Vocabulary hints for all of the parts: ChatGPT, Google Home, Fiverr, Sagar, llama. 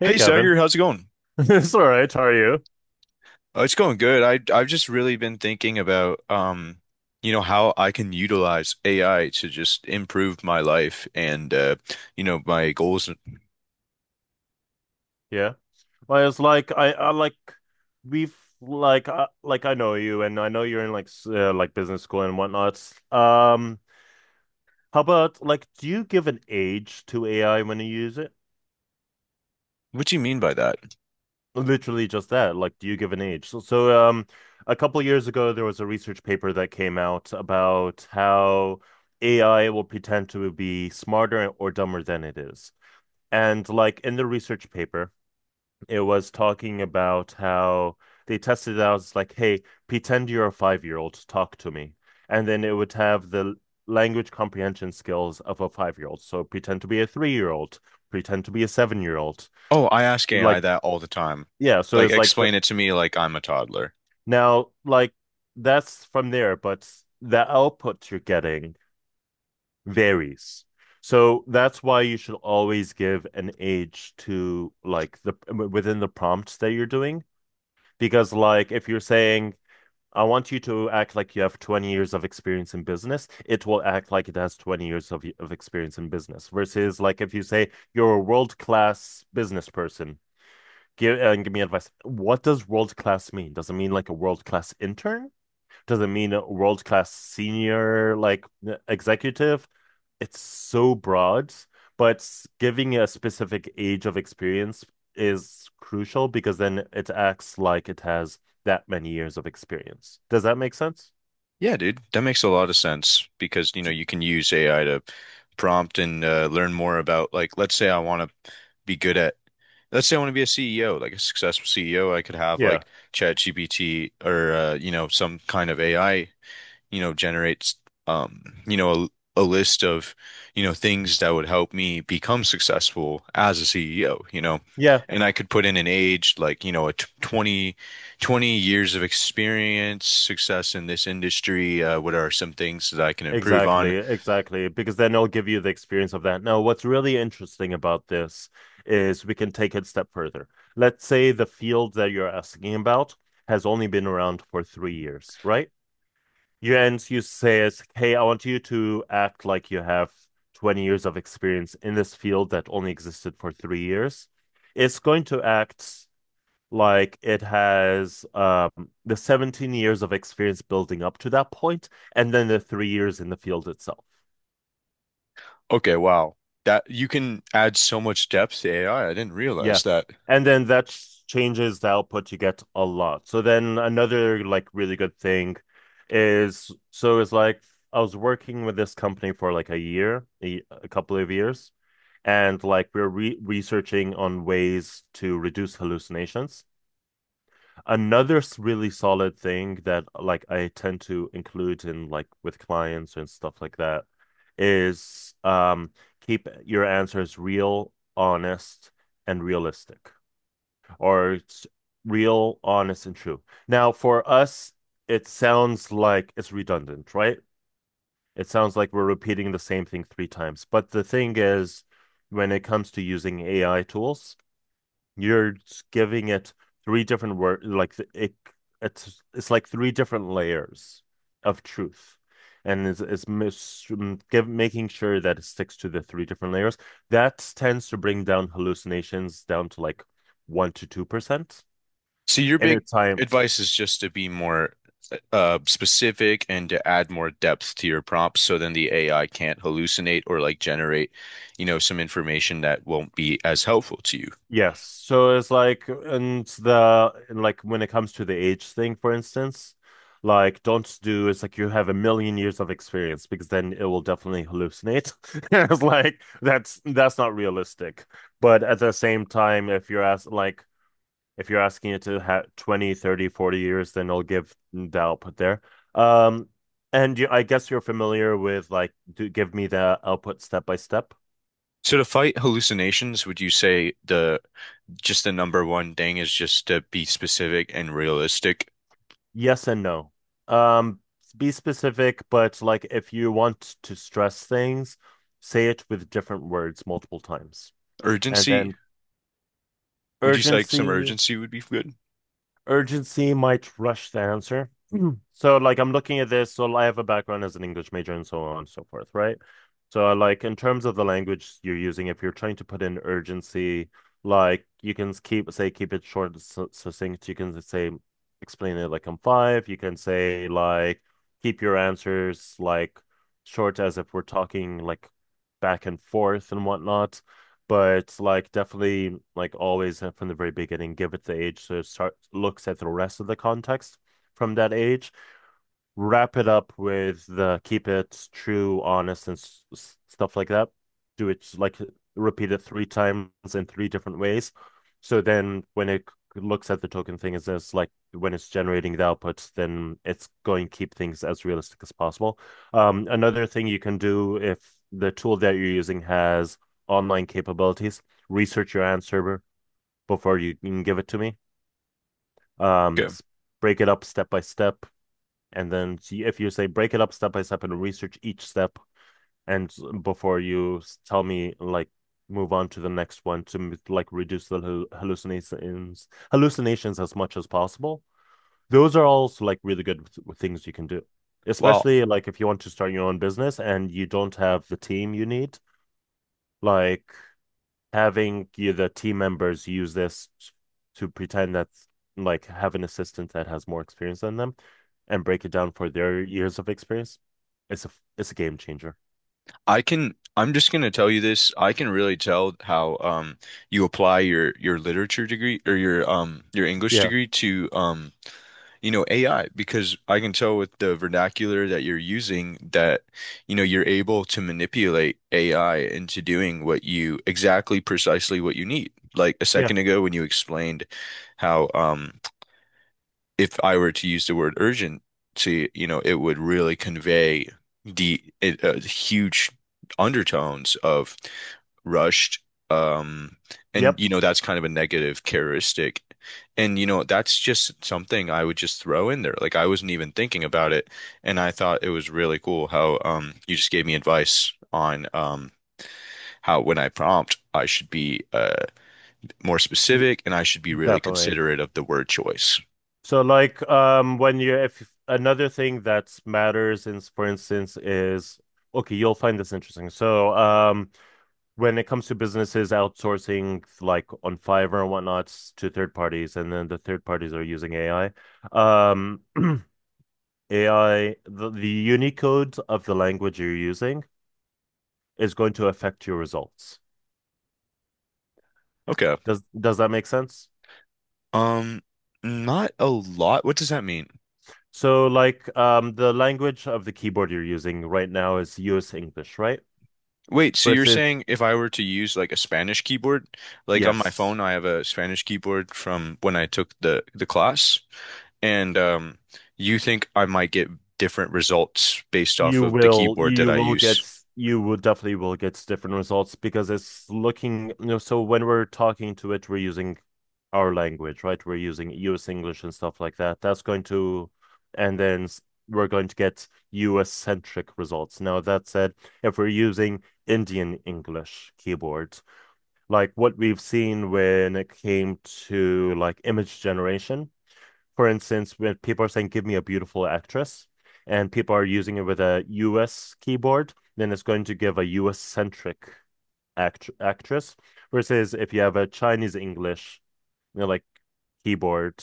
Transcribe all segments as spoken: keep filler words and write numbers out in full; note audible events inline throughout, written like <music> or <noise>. Hey, Hey Sagar, Kevin. how's it going? <laughs> It's all right. How are you? Oh, it's going good. I I've just really been thinking about um, you know, how I can utilize A I to just improve my life and uh, you know, my goals. Yeah. Well, it's like I, I like we've like I, like I know you, and I know you're in like s- uh, like business school and whatnot. Um, how about like do you give an age to A I when you use it? What do you mean by that? Literally just that. Like, do you give an age? So, so um, a couple years ago, there was a research paper that came out about how A I will pretend to be smarter or dumber than it is. And like in the research paper, it was talking about how they tested it out. It's like, hey, pretend you're a five-year-old, talk to me. And then it would have the language comprehension skills of a five-year-old. So pretend to be a three-year-old, pretend to be a seven-year-old. Oh, I ask A I Like, that all the time. yeah, so Like it's like the explain it to me like I'm a toddler. now, like that's from there, but the output you're getting varies. So that's why you should always give an age to like the within the prompts that you're doing. Because like if you're saying I want you to act like you have twenty years of experience in business. It will act like it has twenty years of, of experience in business versus like if you say you're a world-class business person, give and give me advice. What does world-class mean? Does it mean like a world-class intern? Does it mean a world-class senior like e, executive? It's so broad, but giving a specific age of experience is crucial because then it acts like it has that many years of experience. Does that make sense? Yeah, dude, that makes a lot of sense because you know, you can use A I to prompt and uh, learn more about, like, let's say I want to be good at Let's say I want to be a C E O, like a successful C E O. I could have Yeah. like ChatGPT or uh, you know, some kind of A I, you know, generates um, you know, a, a list of, you know, things that would help me become successful as a C E O, you know, Yeah. and I could put in an age, like, you know, a t twenty, twenty years of experience, success in this industry. Uh, what are some things that I can improve on? Exactly, exactly. Because then I will give you the experience of that. Now, what's really interesting about this is we can take it a step further. Let's say the field that you're asking about has only been around for three years, right? You and you say is, hey, I want you to act like you have twenty years of experience in this field that only existed for three years. It's going to act like it has um, the seventeen years of experience building up to that point, and then the three years in the field itself. Okay, wow. That you can add so much depth to A I. I I didn't Yeah. realize that. And then that ch- changes the output you get a lot. So then another like really good thing is so it's like I was working with this company for like a year, a, a couple of years, and like we're re researching on ways to reduce hallucinations. Another s- really solid thing that like I tend to include in like with clients and stuff like that is um keep your answers real, honest, and realistic, or it's real, honest, and true. Now, for us, it sounds like it's redundant, right? It sounds like we're repeating the same thing three times. But the thing is, when it comes to using A I tools, you're giving it three different word like th- it it's it's like three different layers of truth. And it's, it's mis m- give, making sure that it sticks to the three different layers. That tends to bring down hallucinations down to like one to two percent. So your And big it's time. advice is just to be more uh specific and to add more depth to your prompts so then the A I can't hallucinate or like generate, you know, some information that won't be as helpful to you. Yes. So it's like, and the, and like when it comes to the age thing, for instance, like don't do, it's like you have a million years of experience because then it will definitely hallucinate. <laughs> It's like that's that's not realistic. But at the same time, if you're asked like if you're asking it to have twenty, thirty, forty years, then it'll give the output there. Um, and you, I guess you're familiar with like, do give me the output step by step. So to fight hallucinations, would you say the just the number one thing is just to be specific and realistic? Yes and no. Um, be specific, but like if you want to stress things, say it with different words multiple times. And Urgency? then Would you say like some urgency. urgency would be good? Urgency might rush the answer. Mhm. <clears throat> So, like, I'm looking at this. So, I have a background as an English major and so on and so forth, right? So, uh, like, in terms of the language you're using, if you're trying to put in urgency, like, you can s- keep, say, keep it short, and su- succinct. You can say, explain it like I'm five. You can say, like, keep your answers, like, short as if we're talking, like, back and forth and whatnot, but like definitely like always uh, from the very beginning give it the age so it start looks at the rest of the context from that age, wrap it up with the keep it true, honest, and s s- stuff like that. Do it like repeat it three times in three different ways. So then when it c- looks at the token thing, is it's like when it's generating the output, then it's going to keep things as realistic as possible. Um, another thing you can do if the tool that you're using has online capabilities, research your answer before you can give it to me. Um, Okay. s- break it up step by step, and then see if you say break it up step by step and research each step and before you tell me like move on to the next one to like reduce the hallucinations hallucinations as much as possible. Those are also like really good things you can do, Well. especially like if you want to start your own business and you don't have the team you need, like having you, the team members use this to pretend that like have an assistant that has more experience than them and break it down for their years of experience. It's a it's a game changer. I can, I'm just gonna tell you this. I can really tell how um you apply your your literature degree or your um your English Yeah. degree to um you know, A I, because I can tell with the vernacular that you're using that you know you're able to manipulate A I into doing what you exactly precisely what you need. Like a Yeah. second ago when you explained how um if I were to use the word urgency, you know, it would really convey the uh, huge undertones of rushed. Um, and Yep. you know, that's kind of a negative characteristic. And you know, that's just something I would just throw in there. Like I wasn't even thinking about it, and I thought it was really cool how um you just gave me advice on um how when I prompt I should be uh more You- specific, and I should be really Definitely. considerate of the word choice. So like um when you if another thing that matters in, for instance, is okay, you'll find this interesting. So um when it comes to businesses outsourcing like on Fiverr and whatnot to third parties, and then the third parties are using A I. Um, <clears throat> A I, the, the Unicode of the language you're using is going to affect your results. Okay. Does does that make sense? Um, Not a lot. What does that mean? So like um, the language of the keyboard you're using right now is U S English, right? Wait, so you're Versus, saying if I were to use like a Spanish keyboard, like on my yes. phone, I have a Spanish keyboard from when I took the the class, and um, you think I might get different results based off You of the will, keyboard that you I will use? get, you will definitely will get different results, because it's looking, you know, so when we're talking to it, we're using our language, right? We're using U S English and stuff like that. That's going to, and then s- we're going to get U S centric results. Now, that said, if we're using Indian English keyboard, like what we've seen when it came to like image generation, for instance, when people are saying, give me a beautiful actress, and people are using it with a U S keyboard, then it's going to give a U S centric act- actress. Versus if you have a Chinese English, you know, like keyboard,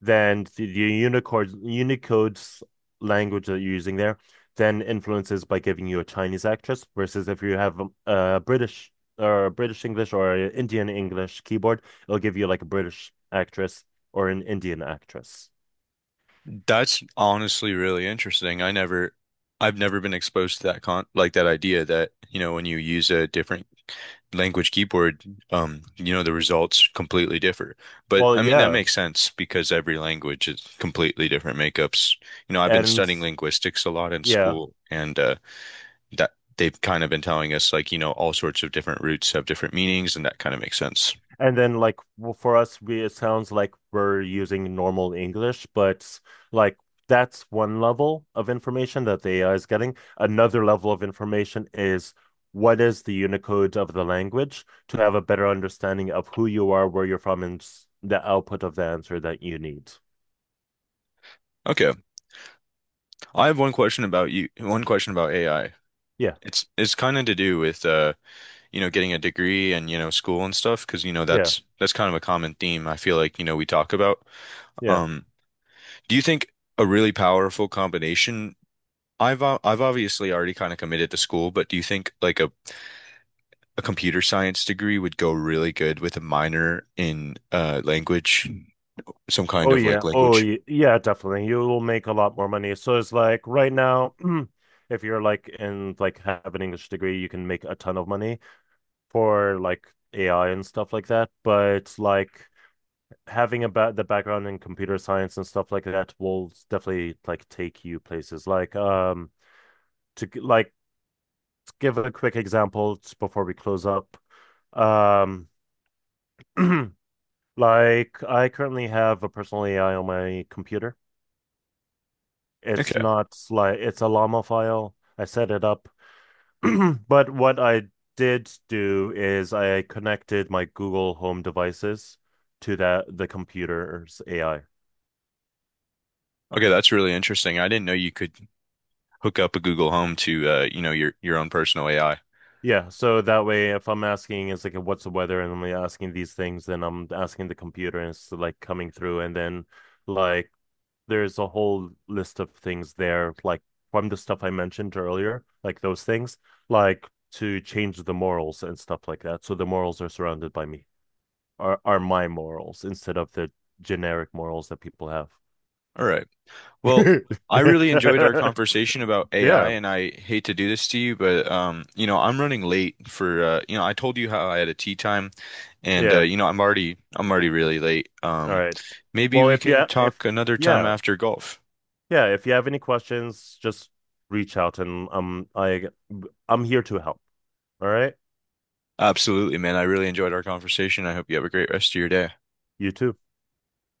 then the, the Unicode, Unicode's language that you're using there then influences by giving you a Chinese actress. Versus if you have a, a British or a British English or a Indian English keyboard, it'll give you like a British actress or an Indian actress. That's honestly really interesting. I never, I've never been exposed to that con like that idea that, you know, when you use a different language keyboard, um, you know, the results completely differ. But Well, I mean, that yeah. makes sense because every language is completely different makeups. You know, I've been And studying linguistics a lot in yeah. school and uh, that they've kind of been telling us, like, you know, all sorts of different roots have different meanings, and that kind of makes sense. And then like w- for us we it sounds like we're using normal English, but like that's one level of information that the A I is getting. Another level of information is what is the Unicode of the language to have a better understanding of who you are, where you're from, and s- the output of the answer that you need. Okay. I have one question about you, one question about A I. Yeah. It's it's kind of to do with uh, you know, getting a degree and, you know, school and stuff, because, you know, Yeah. that's that's kind of a common theme I feel like, you know, we talk about. Yeah. Um, Do you think a really powerful combination? I've o- I've obviously already kind of committed to school, but do you think like a, a computer science degree would go really good with a minor in uh language, some kind Oh of yeah. like Oh language? yeah, yeah, definitely. You will make a lot more money. So it's like right now, <clears throat> if you're like in like have an English degree, you can make a ton of money for like A I and stuff like that. But like having a ba the background in computer science and stuff like that will definitely like take you places. Like um to g- like to give a quick example t- before we close up. Um <clears throat> like I currently have a personal A I on my computer. It's Okay. not like it's a llama file. I set it up. <clears throat> But what I did do is I connected my Google Home devices to that the computer's A I. Okay, that's really interesting. I didn't know you could hook up a Google Home to uh, you know, your your own personal A I. Yeah, so that way if I'm asking it's like what's the weather and I'm like asking these things, then I'm asking the computer and it's like coming through, and then like there's a whole list of things there, like from the stuff I mentioned earlier, like those things, like to change the morals and stuff like that. So the morals are surrounded by me, are are my morals instead of the generic morals that people have. All right. Well, I really enjoyed our conversation <laughs> about A I, Yeah. and I hate to do this to you, but um, you know, I'm running late for uh, you know, I told you how I had a tea time, and uh, Yeah. you know, I'm already I'm already really late. All Um, right. Maybe Well, we if you can ha- if talk another time yeah, after golf. yeah, if you have any questions, just reach out, and um I I'm here to help. All right? Absolutely, man. I really enjoyed our conversation. I hope you have a great rest of your day. You too.